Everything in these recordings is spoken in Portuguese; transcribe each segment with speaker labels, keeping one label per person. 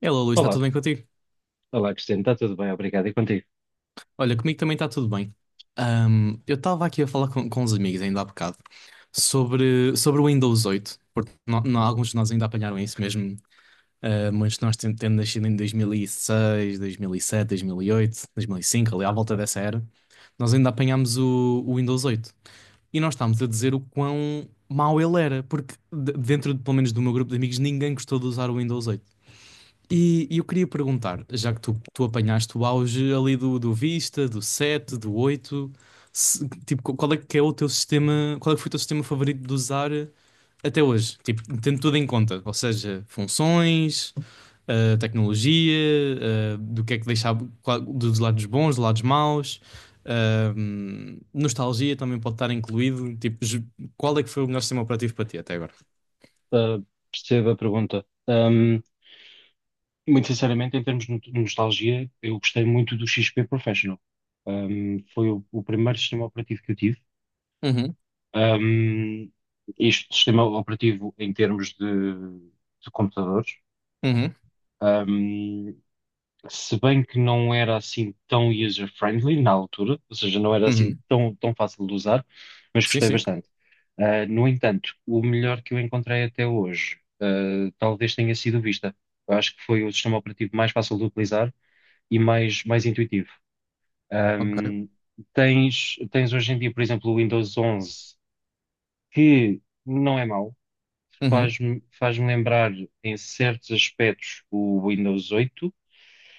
Speaker 1: Hello, Luís, está
Speaker 2: Olá,
Speaker 1: tudo bem contigo?
Speaker 2: olá Cristiano, está tudo bem, obrigado. E contigo?
Speaker 1: Olha, comigo também está tudo bem. Eu estava aqui a falar com os amigos ainda há bocado sobre o Windows 8, porque alguns de nós ainda apanharam isso mesmo. Muitos de nós tendo nascido em 2006, 2007, 2008, 2005, ali à volta dessa era, nós ainda apanhámos o Windows 8. E nós estávamos a dizer o quão mau ele era, porque dentro, pelo menos do meu grupo de amigos, ninguém gostou de usar o Windows 8. E eu queria perguntar, já que tu apanhaste o auge ali do Vista, do 7 do 8, tipo, qual é que é o teu sistema, qual é que foi o teu sistema favorito de usar até hoje? Tipo, tendo tudo em conta, ou seja, funções, tecnologia, do que é que deixava, dos lados bons, dos lados maus, nostalgia também pode estar incluído, tipo, qual é que foi o melhor sistema operativo para ti até agora?
Speaker 2: Ah, Percebo a pergunta. Muito sinceramente, em termos de nostalgia, eu gostei muito do XP Professional. Foi o primeiro sistema operativo que eu tive.
Speaker 1: Uhum,
Speaker 2: Ahm, Este sistema operativo em termos de computadores.
Speaker 1: uhum,
Speaker 2: Se bem que não era assim tão user-friendly na altura, ou seja, não era assim
Speaker 1: uhum.
Speaker 2: tão, tão fácil de usar, mas
Speaker 1: Sim,
Speaker 2: gostei
Speaker 1: sim.
Speaker 2: bastante. Ah, no entanto, o melhor que eu encontrei até hoje, talvez tenha sido o Vista. Eu acho que foi o sistema operativo mais fácil de utilizar e mais intuitivo.
Speaker 1: Ok.
Speaker 2: Ahm, tens hoje em dia, por exemplo, o Windows 11, que não é mau,
Speaker 1: Uhum,
Speaker 2: faz-me lembrar em certos aspectos o Windows 8.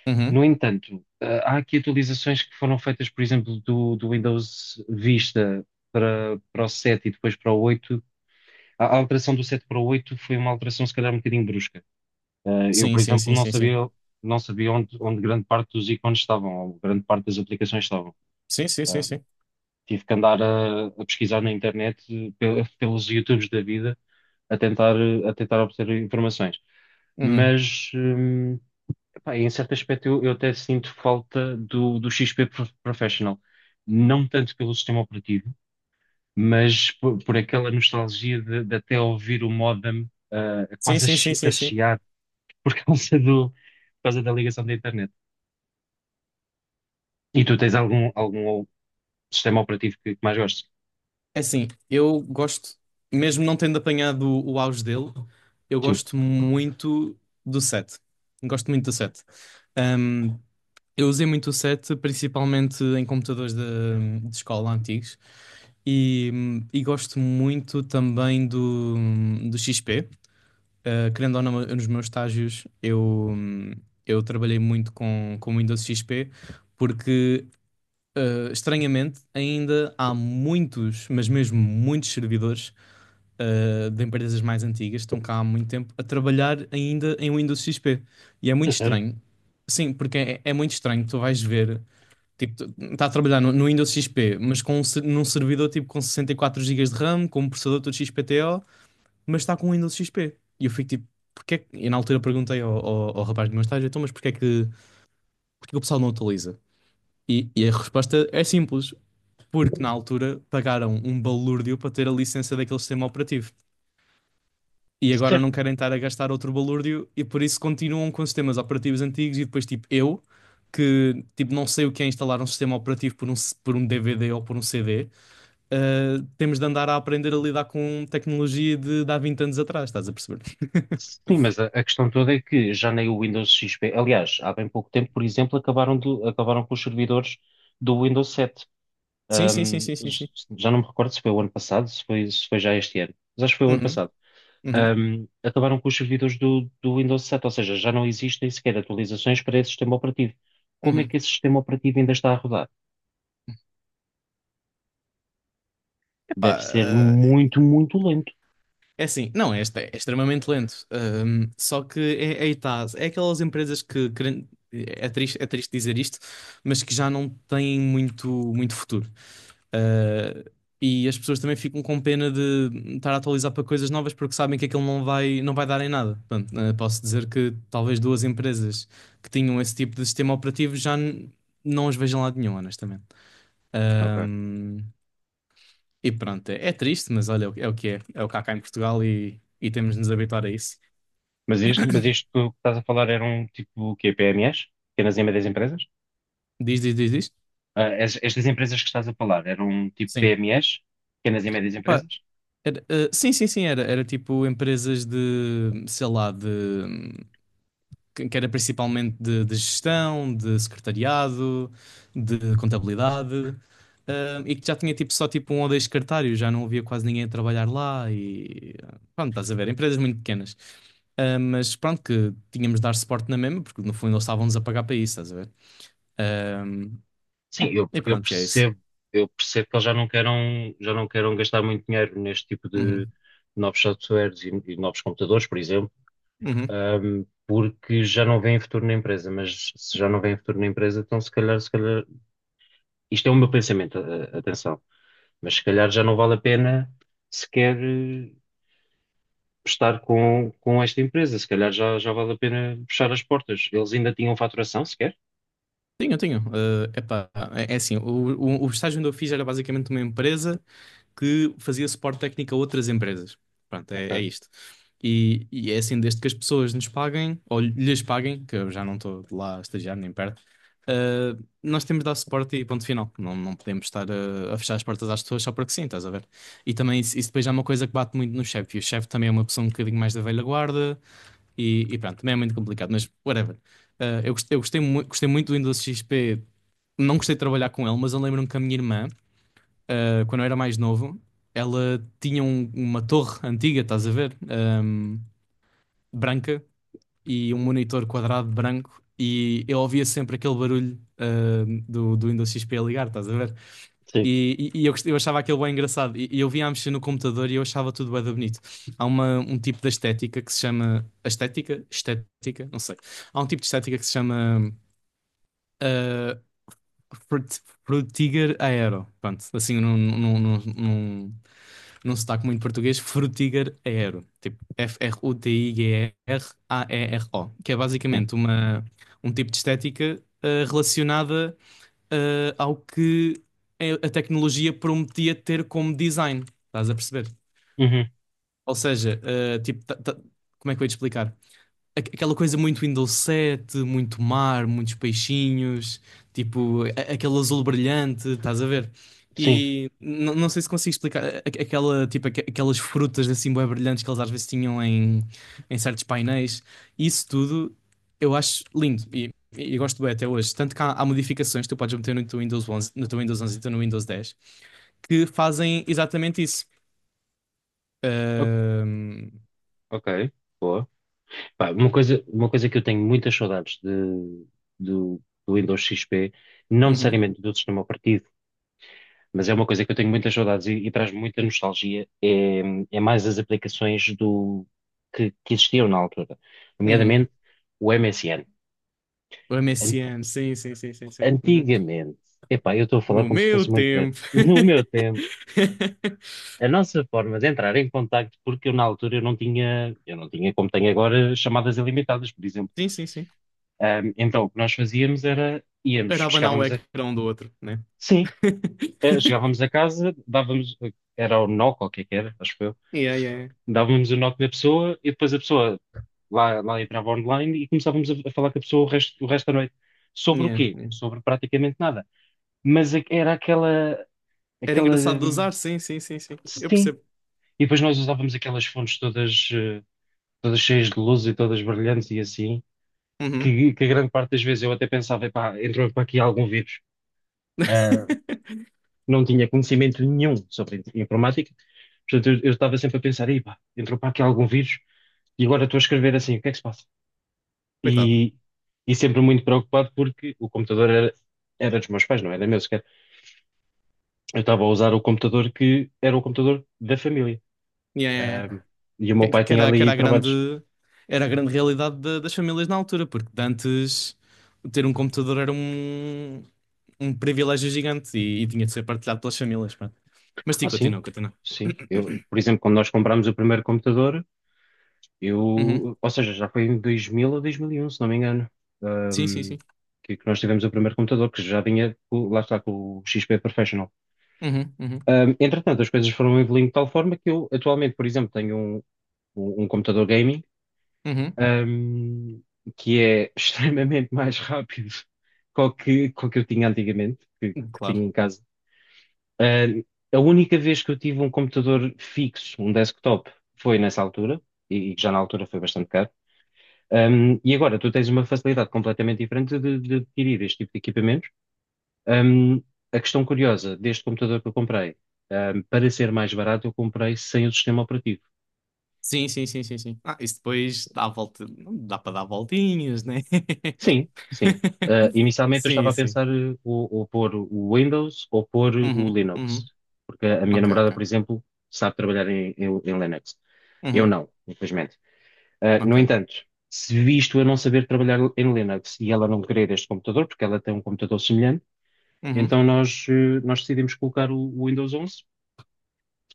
Speaker 1: uhum.
Speaker 2: No entanto, há aqui atualizações que foram feitas, por exemplo, do Windows Vista para o 7 e depois para o 8. A alteração do 7 para o 8 foi uma alteração, se calhar, um bocadinho brusca. Eu,
Speaker 1: Sim,
Speaker 2: por
Speaker 1: sim,
Speaker 2: exemplo,
Speaker 1: sim,
Speaker 2: não
Speaker 1: sim, sim.
Speaker 2: sabia, não sabia onde grande parte dos ícones estavam, ou grande parte das aplicações estavam.
Speaker 1: Sim, sim, sim,
Speaker 2: Eh,
Speaker 1: sim.
Speaker 2: Tive que andar a pesquisar na internet, pelos YouTubes da vida, a tentar, a tentar obter informações.
Speaker 1: Uhum.
Speaker 2: Mas. hum, Pá, em certo aspecto, eu até sinto falta do XP Professional. Não tanto pelo sistema operativo, mas por aquela nostalgia de até ouvir o modem,
Speaker 1: Sim,
Speaker 2: quase a,
Speaker 1: sim, sim,
Speaker 2: chi- a
Speaker 1: sim, sim.
Speaker 2: chiar por causa do, por causa da ligação da internet. E tu tens algum sistema operativo que mais gostes?
Speaker 1: É assim, eu gosto, mesmo não tendo apanhado o auge dele, eu
Speaker 2: Sim.
Speaker 1: gosto muito do set. Gosto muito do set. Um, eu usei muito o set principalmente em computadores de escola antigos. E, e gosto muito também do XP. Querendo ou não, nos meus estágios eu, trabalhei muito com Windows XP, porque estranhamente, ainda há muitos, mas mesmo muitos servidores de empresas mais antigas, estão cá há muito tempo, a trabalhar ainda em Windows XP. E é
Speaker 2: É
Speaker 1: muito
Speaker 2: sério?
Speaker 1: estranho. Sim, porque é muito estranho. Tu vais ver, tipo, está a trabalhar no Windows XP, mas num servidor tipo com 64 gigas de RAM, com um processador todo XPTO, mas está com o Windows XP. E eu fico tipo, porque é que... E na altura perguntei ao rapaz do meu estágio, então, mas porque é que o pessoal não atualiza? E a resposta é simples, porque na altura pagaram um balúrdio para ter a licença daquele sistema operativo. E agora
Speaker 2: Certo.
Speaker 1: não querem estar a gastar outro balúrdio e por isso continuam com sistemas operativos antigos e depois, tipo, eu, que tipo, não sei o que é instalar um sistema operativo por um DVD ou por um CD, temos de andar a aprender a lidar com tecnologia de há 20 anos atrás, estás a perceber?
Speaker 2: Sim, mas a questão toda é que já nem o Windows XP. Aliás, há bem pouco tempo, por exemplo, acabaram com os servidores do Windows 7.
Speaker 1: Sim, sim, sim,
Speaker 2: Um,
Speaker 1: sim, sim, sim.
Speaker 2: Já não me recordo se foi o ano passado, se foi já este ano, mas acho que foi o ano
Speaker 1: Uhum,
Speaker 2: passado.
Speaker 1: uhum,
Speaker 2: Acabaram com os servidores do Windows 7, ou seja, já não existem sequer atualizações para esse sistema operativo. Como é
Speaker 1: uhum.
Speaker 2: que esse sistema operativo ainda está a rodar?
Speaker 1: Epá,
Speaker 2: Deve ser muito, muito lento.
Speaker 1: é assim, não, este é extremamente lento. Só que é, aí tá, é aquelas empresas que, é triste dizer isto, mas que já não têm muito, muito futuro. Ah, e as pessoas também ficam com pena de estar a atualizar para coisas novas porque sabem que aquilo não vai dar em nada. Portanto, posso dizer que talvez duas empresas que tinham esse tipo de sistema operativo não as vejam lá de nenhum, honestamente.
Speaker 2: Ok.
Speaker 1: E pronto, é, triste, mas olha, é o que é. É o que há cá em Portugal e temos de nos habituar a isso.
Speaker 2: Mas isto que estás a falar eram tipo o quê? PMEs? Pequenas e médias empresas?
Speaker 1: Diz, diz, diz, diz.
Speaker 2: Ah, estas empresas que estás a falar eram tipo
Speaker 1: Sim.
Speaker 2: PMEs? Pequenas e médias
Speaker 1: Epá,
Speaker 2: empresas?
Speaker 1: sim, sim, sim, era tipo empresas de, sei lá, de, que era principalmente de gestão, de secretariado, de contabilidade, e que já tinha tipo só tipo um ou dois secretários, já não havia quase ninguém a trabalhar lá e pronto, estás a ver, empresas muito pequenas. Mas pronto, que tínhamos de dar suporte na mesma, porque no fundo eles estavam-nos a pagar para isso, estás a ver? Ahm,
Speaker 2: Sim, eu,
Speaker 1: e
Speaker 2: eu
Speaker 1: pronto, é isso.
Speaker 2: percebo, eu percebo que eles já não queiram gastar muito dinheiro neste tipo de
Speaker 1: Uhum.
Speaker 2: novos softwares e novos computadores, por exemplo,
Speaker 1: Uhum.
Speaker 2: porque já não veem futuro na empresa, mas se já não veem futuro na empresa, então se calhar, isto é o meu pensamento, atenção, mas se calhar já não vale a pena sequer estar com esta empresa, se calhar já vale a pena fechar as portas. Eles ainda tinham faturação sequer?
Speaker 1: Tenho, tenho. Epá, é, assim, o estágio onde eu fiz era basicamente uma empresa que fazia suporte técnico a outras empresas. Pronto, é
Speaker 2: Ok,
Speaker 1: isto. E é assim, desde que as pessoas nos paguem, ou lhes paguem, que eu já não estou lá a estagiar nem perto, ah, nós temos de dar suporte e ponto final. Não, não podemos estar a fechar as portas às pessoas só porque sim, estás a ver? E também isso depois já é uma coisa que bate muito no chefe. E o chefe também é uma pessoa um bocadinho mais da velha guarda, e pronto, também é muito complicado, mas whatever. Eu gostei, gostei muito do Windows XP. Não gostei de trabalhar com ele, mas eu lembro-me que a minha irmã, quando eu era mais novo, ela tinha uma torre antiga, estás a ver? Branca e um monitor quadrado branco. E eu ouvia sempre aquele barulho, do Windows XP a ligar, estás a ver?
Speaker 2: sim,
Speaker 1: E, e eu achava aquilo bem engraçado. E eu via a mexer no computador e eu achava tudo bem bonito. Há um tipo de estética que se chama. Estética? Estética? Não sei. Há um tipo de estética que se chama. ah, frutiger aero. Pronto, assim num sotaque muito português. Frutiger aero. Tipo Frutigraero. Que é
Speaker 2: sim.
Speaker 1: basicamente um tipo de estética relacionada ao que a tecnologia prometia ter como design. Estás a perceber?
Speaker 2: Uhum,
Speaker 1: Ou seja, tipo, como é que eu ia te explicar? Aqu- aquela coisa muito Windows 7, muito mar, muitos peixinhos, tipo, aquele azul brilhante, estás a ver?
Speaker 2: sim.
Speaker 1: E não sei se consigo explicar aquela, tipo, aquelas frutas assim bué brilhantes que eles às vezes tinham em certos painéis. Isso tudo eu acho lindo e gosto bem até hoje. Tanto que há modificações que tu podes meter no teu Windows onze e teu no Windows 10 que fazem exatamente isso.
Speaker 2: O-
Speaker 1: Ahm,
Speaker 2: ok, boa. Pá, uma coisa que eu tenho muitas saudades do, do Windows XP, não
Speaker 1: uhum,
Speaker 2: necessariamente do sistema operativo, mas é uma coisa que eu tenho muitas saudades e traz muita nostalgia, é mais as aplicações que existiam na altura,
Speaker 1: uhum.
Speaker 2: nomeadamente o MSN.
Speaker 1: O
Speaker 2: An-
Speaker 1: MSN, sim, sim, sim, sim, sim. Uhum.
Speaker 2: Antigamente, epá, eu estou a falar
Speaker 1: No
Speaker 2: como se
Speaker 1: meu
Speaker 2: fosse muito velho.
Speaker 1: tempo.
Speaker 2: No meu tempo, a nossa forma de entrar em contacto, porque eu na altura eu não tinha como tenho agora chamadas ilimitadas, por exemplo.
Speaker 1: Sim, sim, sim.
Speaker 2: Então, o que nós fazíamos era, íamos,
Speaker 1: Era abanar o
Speaker 2: chegávamos a,
Speaker 1: ecrã um do outro, né?
Speaker 2: sim, chegávamos a casa, dávamos, era o knock, ou o que é que era, acho que eu,
Speaker 1: Yeah, yeah,
Speaker 2: dávamos o knock da pessoa e depois a pessoa lá entrava online e começávamos a falar com a pessoa o resto da noite. Sobre o
Speaker 1: yeah,
Speaker 2: quê?
Speaker 1: yeah.
Speaker 2: Sobre praticamente nada. Mas é que era aquela,
Speaker 1: Era
Speaker 2: aquela,
Speaker 1: engraçado de
Speaker 2: hum,
Speaker 1: usar, sim, sim, sim, sim. Eu
Speaker 2: Sim.
Speaker 1: percebo.
Speaker 2: E depois nós usávamos aquelas fontes todas, todas cheias de luz e todas brilhantes e assim,
Speaker 1: Uhum.
Speaker 2: que a grande parte das vezes eu até pensava, epá, entrou para aqui algum vírus. Ah, não tinha conhecimento nenhum sobre informática. Portanto, eu estava sempre a pensar: "Ei, pá, entrou para aqui algum vírus e agora estou a escrever assim, o que é que se passa?"
Speaker 1: Coitado.
Speaker 2: E, e sempre muito preocupado porque o computador era dos meus pais, não era meu sequer. Eu estava a usar o computador que era o computador da família.
Speaker 1: Yeah, yeah,
Speaker 2: Ahm,
Speaker 1: yeah.
Speaker 2: e o meu
Speaker 1: Que,
Speaker 2: pai
Speaker 1: que
Speaker 2: tinha
Speaker 1: era,
Speaker 2: ali trabalhos.
Speaker 1: era a grande realidade das famílias na altura, porque de antes ter um computador era um privilégio gigante e tinha de ser partilhado pelas famílias. Pá. Mas sim,
Speaker 2: Ah, sim,
Speaker 1: continua, continua.
Speaker 2: sim. Eu, por exemplo, quando nós comprámos o primeiro computador,
Speaker 1: Uhum.
Speaker 2: Ou seja, já foi em 2000 ou 2001, se não me engano,
Speaker 1: Sim, sim,
Speaker 2: ahm,
Speaker 1: sim.
Speaker 2: que nós tivemos o primeiro computador, que já vinha, lá está, com o XP Professional.
Speaker 1: Uhum, uhum,
Speaker 2: Entretanto, as coisas foram evoluindo de tal forma que eu, atualmente, por exemplo, tenho um computador gaming,
Speaker 1: uhum.
Speaker 2: ahm, que é extremamente mais rápido que o que eu tinha antigamente, que tinha
Speaker 1: Claro.
Speaker 2: em casa. Ahm, a única vez que eu tive um computador fixo, um desktop, foi nessa altura, e já na altura foi bastante caro. E agora tu tens uma facilidade completamente diferente de adquirir este tipo de equipamentos. Um, a questão curiosa deste computador que eu comprei, para ser mais barato, eu comprei sem o sistema operativo.
Speaker 1: Sim, sim, sim, sim, sim. Ah, isso depois dá a volta. Não dá para dar voltinhas, né?
Speaker 2: Sim, sim. Inicialmente eu estava
Speaker 1: Sim,
Speaker 2: a
Speaker 1: sim.
Speaker 2: pensar ou pôr o Windows ou pôr o
Speaker 1: Uhum, uhum.
Speaker 2: Linux, porque a minha
Speaker 1: Ok,
Speaker 2: namorada,
Speaker 1: ok.
Speaker 2: por exemplo, sabe trabalhar em, em Linux. Eu
Speaker 1: Uhum,
Speaker 2: não, infelizmente. No
Speaker 1: ok.
Speaker 2: entanto, se visto eu não saber trabalhar em Linux e ela não querer este computador, porque ela tem um computador semelhante,
Speaker 1: Uhum,
Speaker 2: então nós decidimos colocar o Windows 11,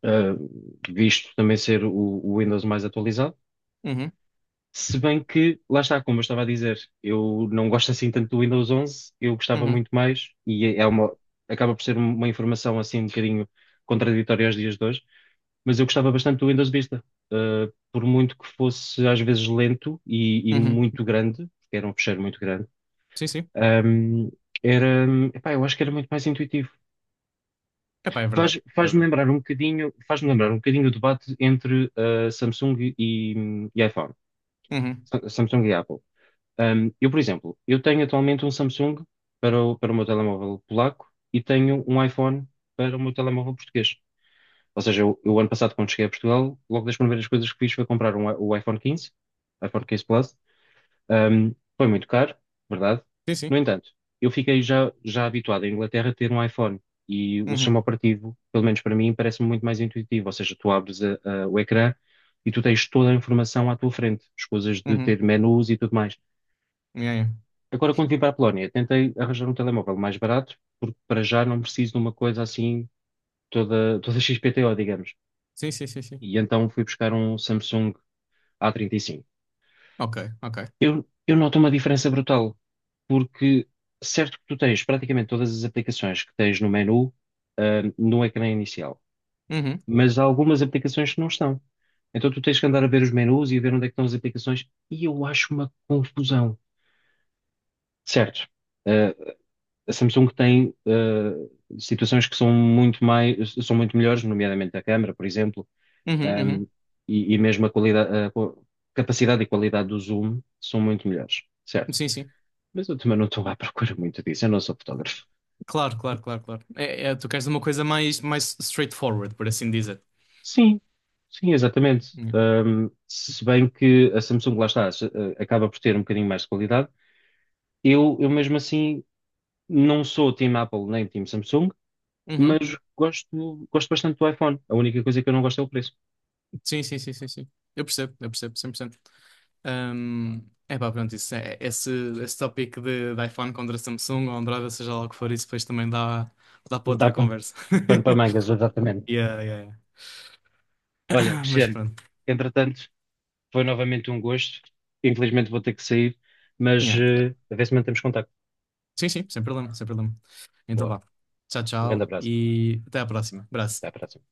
Speaker 2: eh, visto também ser o Windows mais atualizado.
Speaker 1: uhum,
Speaker 2: Se bem que, lá está, como eu estava a dizer, eu não gosto assim tanto do Windows 11, eu gostava
Speaker 1: uhum,
Speaker 2: muito mais, e acaba por ser uma informação assim um bocadinho contraditória aos dias de hoje, mas eu gostava bastante do Windows Vista. Por muito que fosse às vezes lento e
Speaker 1: uhum.
Speaker 2: muito grande, porque era um fecheiro muito grande,
Speaker 1: Sim, sim.
Speaker 2: ehm, era, epá, eu acho que era muito mais intuitivo.
Speaker 1: Epá, é verdade.
Speaker 2: Faz,
Speaker 1: É
Speaker 2: faz-me
Speaker 1: verdade.
Speaker 2: lembrar um bocadinho, faz-me lembrar um bocadinho o debate entre Samsung e iPhone,
Speaker 1: Uhum.
Speaker 2: Samsung e Apple. Eu, por exemplo, eu tenho atualmente um Samsung para o meu telemóvel polaco e tenho um iPhone para o meu telemóvel português. Ou seja, eu ano passado, quando cheguei a Portugal, logo das primeiras coisas que fiz foi comprar o iPhone 15, iPhone 15 Plus, foi muito caro, verdade.
Speaker 1: Sim,
Speaker 2: No
Speaker 1: sim.
Speaker 2: entanto, eu fiquei já habituado à Inglaterra a ter um iPhone e o sistema
Speaker 1: Uhum,
Speaker 2: operativo, pelo menos para mim, parece-me muito mais intuitivo. Ou seja, tu abres o ecrã e tu tens toda a informação à tua frente, as coisas de
Speaker 1: uhum.
Speaker 2: ter menus e tudo mais.
Speaker 1: Yeah, yeah.
Speaker 2: Agora, quando vim para a Polónia, tentei arranjar um telemóvel mais barato, porque para já não preciso de uma coisa assim toda, toda XPTO, digamos.
Speaker 1: Sim, sim, sim, sim.
Speaker 2: E então fui buscar um Samsung A35.
Speaker 1: Ok, ok.
Speaker 2: Eu noto uma diferença brutal, porque certo que tu tens praticamente todas as aplicações que tens no menu, no ecrã inicial,
Speaker 1: Uhum,
Speaker 2: mas há algumas aplicações que não estão. Então tu tens que andar a ver os menus e a ver onde é que estão as aplicações, e eu acho uma confusão. Certo, ah, a Samsung tem situações que são muito mais, são muito melhores, nomeadamente a câmara, por exemplo,
Speaker 1: uhum,
Speaker 2: ahm,
Speaker 1: uhum.
Speaker 2: e mesmo a qualidade, capacidade e qualidade do zoom são muito melhores. Certo.
Speaker 1: Sim, sim.
Speaker 2: Mas eu também não estou à procura muito disso, eu não sou fotógrafo.
Speaker 1: Claro, claro, claro, claro. É, é, tu queres uma coisa mais, straightforward, por assim dizer.
Speaker 2: Sim, sim, exatamente.
Speaker 1: Yeah.
Speaker 2: Se bem que a Samsung, lá está, acaba por ter um bocadinho mais de qualidade, eu mesmo assim não sou Team Apple nem Team Samsung,
Speaker 1: Uhum.
Speaker 2: mas gosto bastante do iPhone. A única coisa que eu não gosto é o preço.
Speaker 1: Sim, sim, sim, sim, sim. Eu percebo, 100%, é pá, pronto, isso é, esse tópico de iPhone contra Samsung ou Android, ou seja lá o que for, isso depois também dá para
Speaker 2: Dá
Speaker 1: outra
Speaker 2: pano,
Speaker 1: conversa.
Speaker 2: pano para mangas, exatamente.
Speaker 1: Yeah, yeah,
Speaker 2: Olha,
Speaker 1: yeah. Mas
Speaker 2: Cristiano,
Speaker 1: pronto.
Speaker 2: entretanto, foi novamente um gosto. Infelizmente vou ter que sair, mas
Speaker 1: Yeah, yeah.
Speaker 2: a ver se mantemos contacto.
Speaker 1: Sim, sim, sem problema, sem problema. Então
Speaker 2: Boa.
Speaker 1: vá. Tchau,
Speaker 2: Um grande
Speaker 1: tchau
Speaker 2: abraço.
Speaker 1: e até à próxima.
Speaker 2: Até à
Speaker 1: Abraço.
Speaker 2: próxima.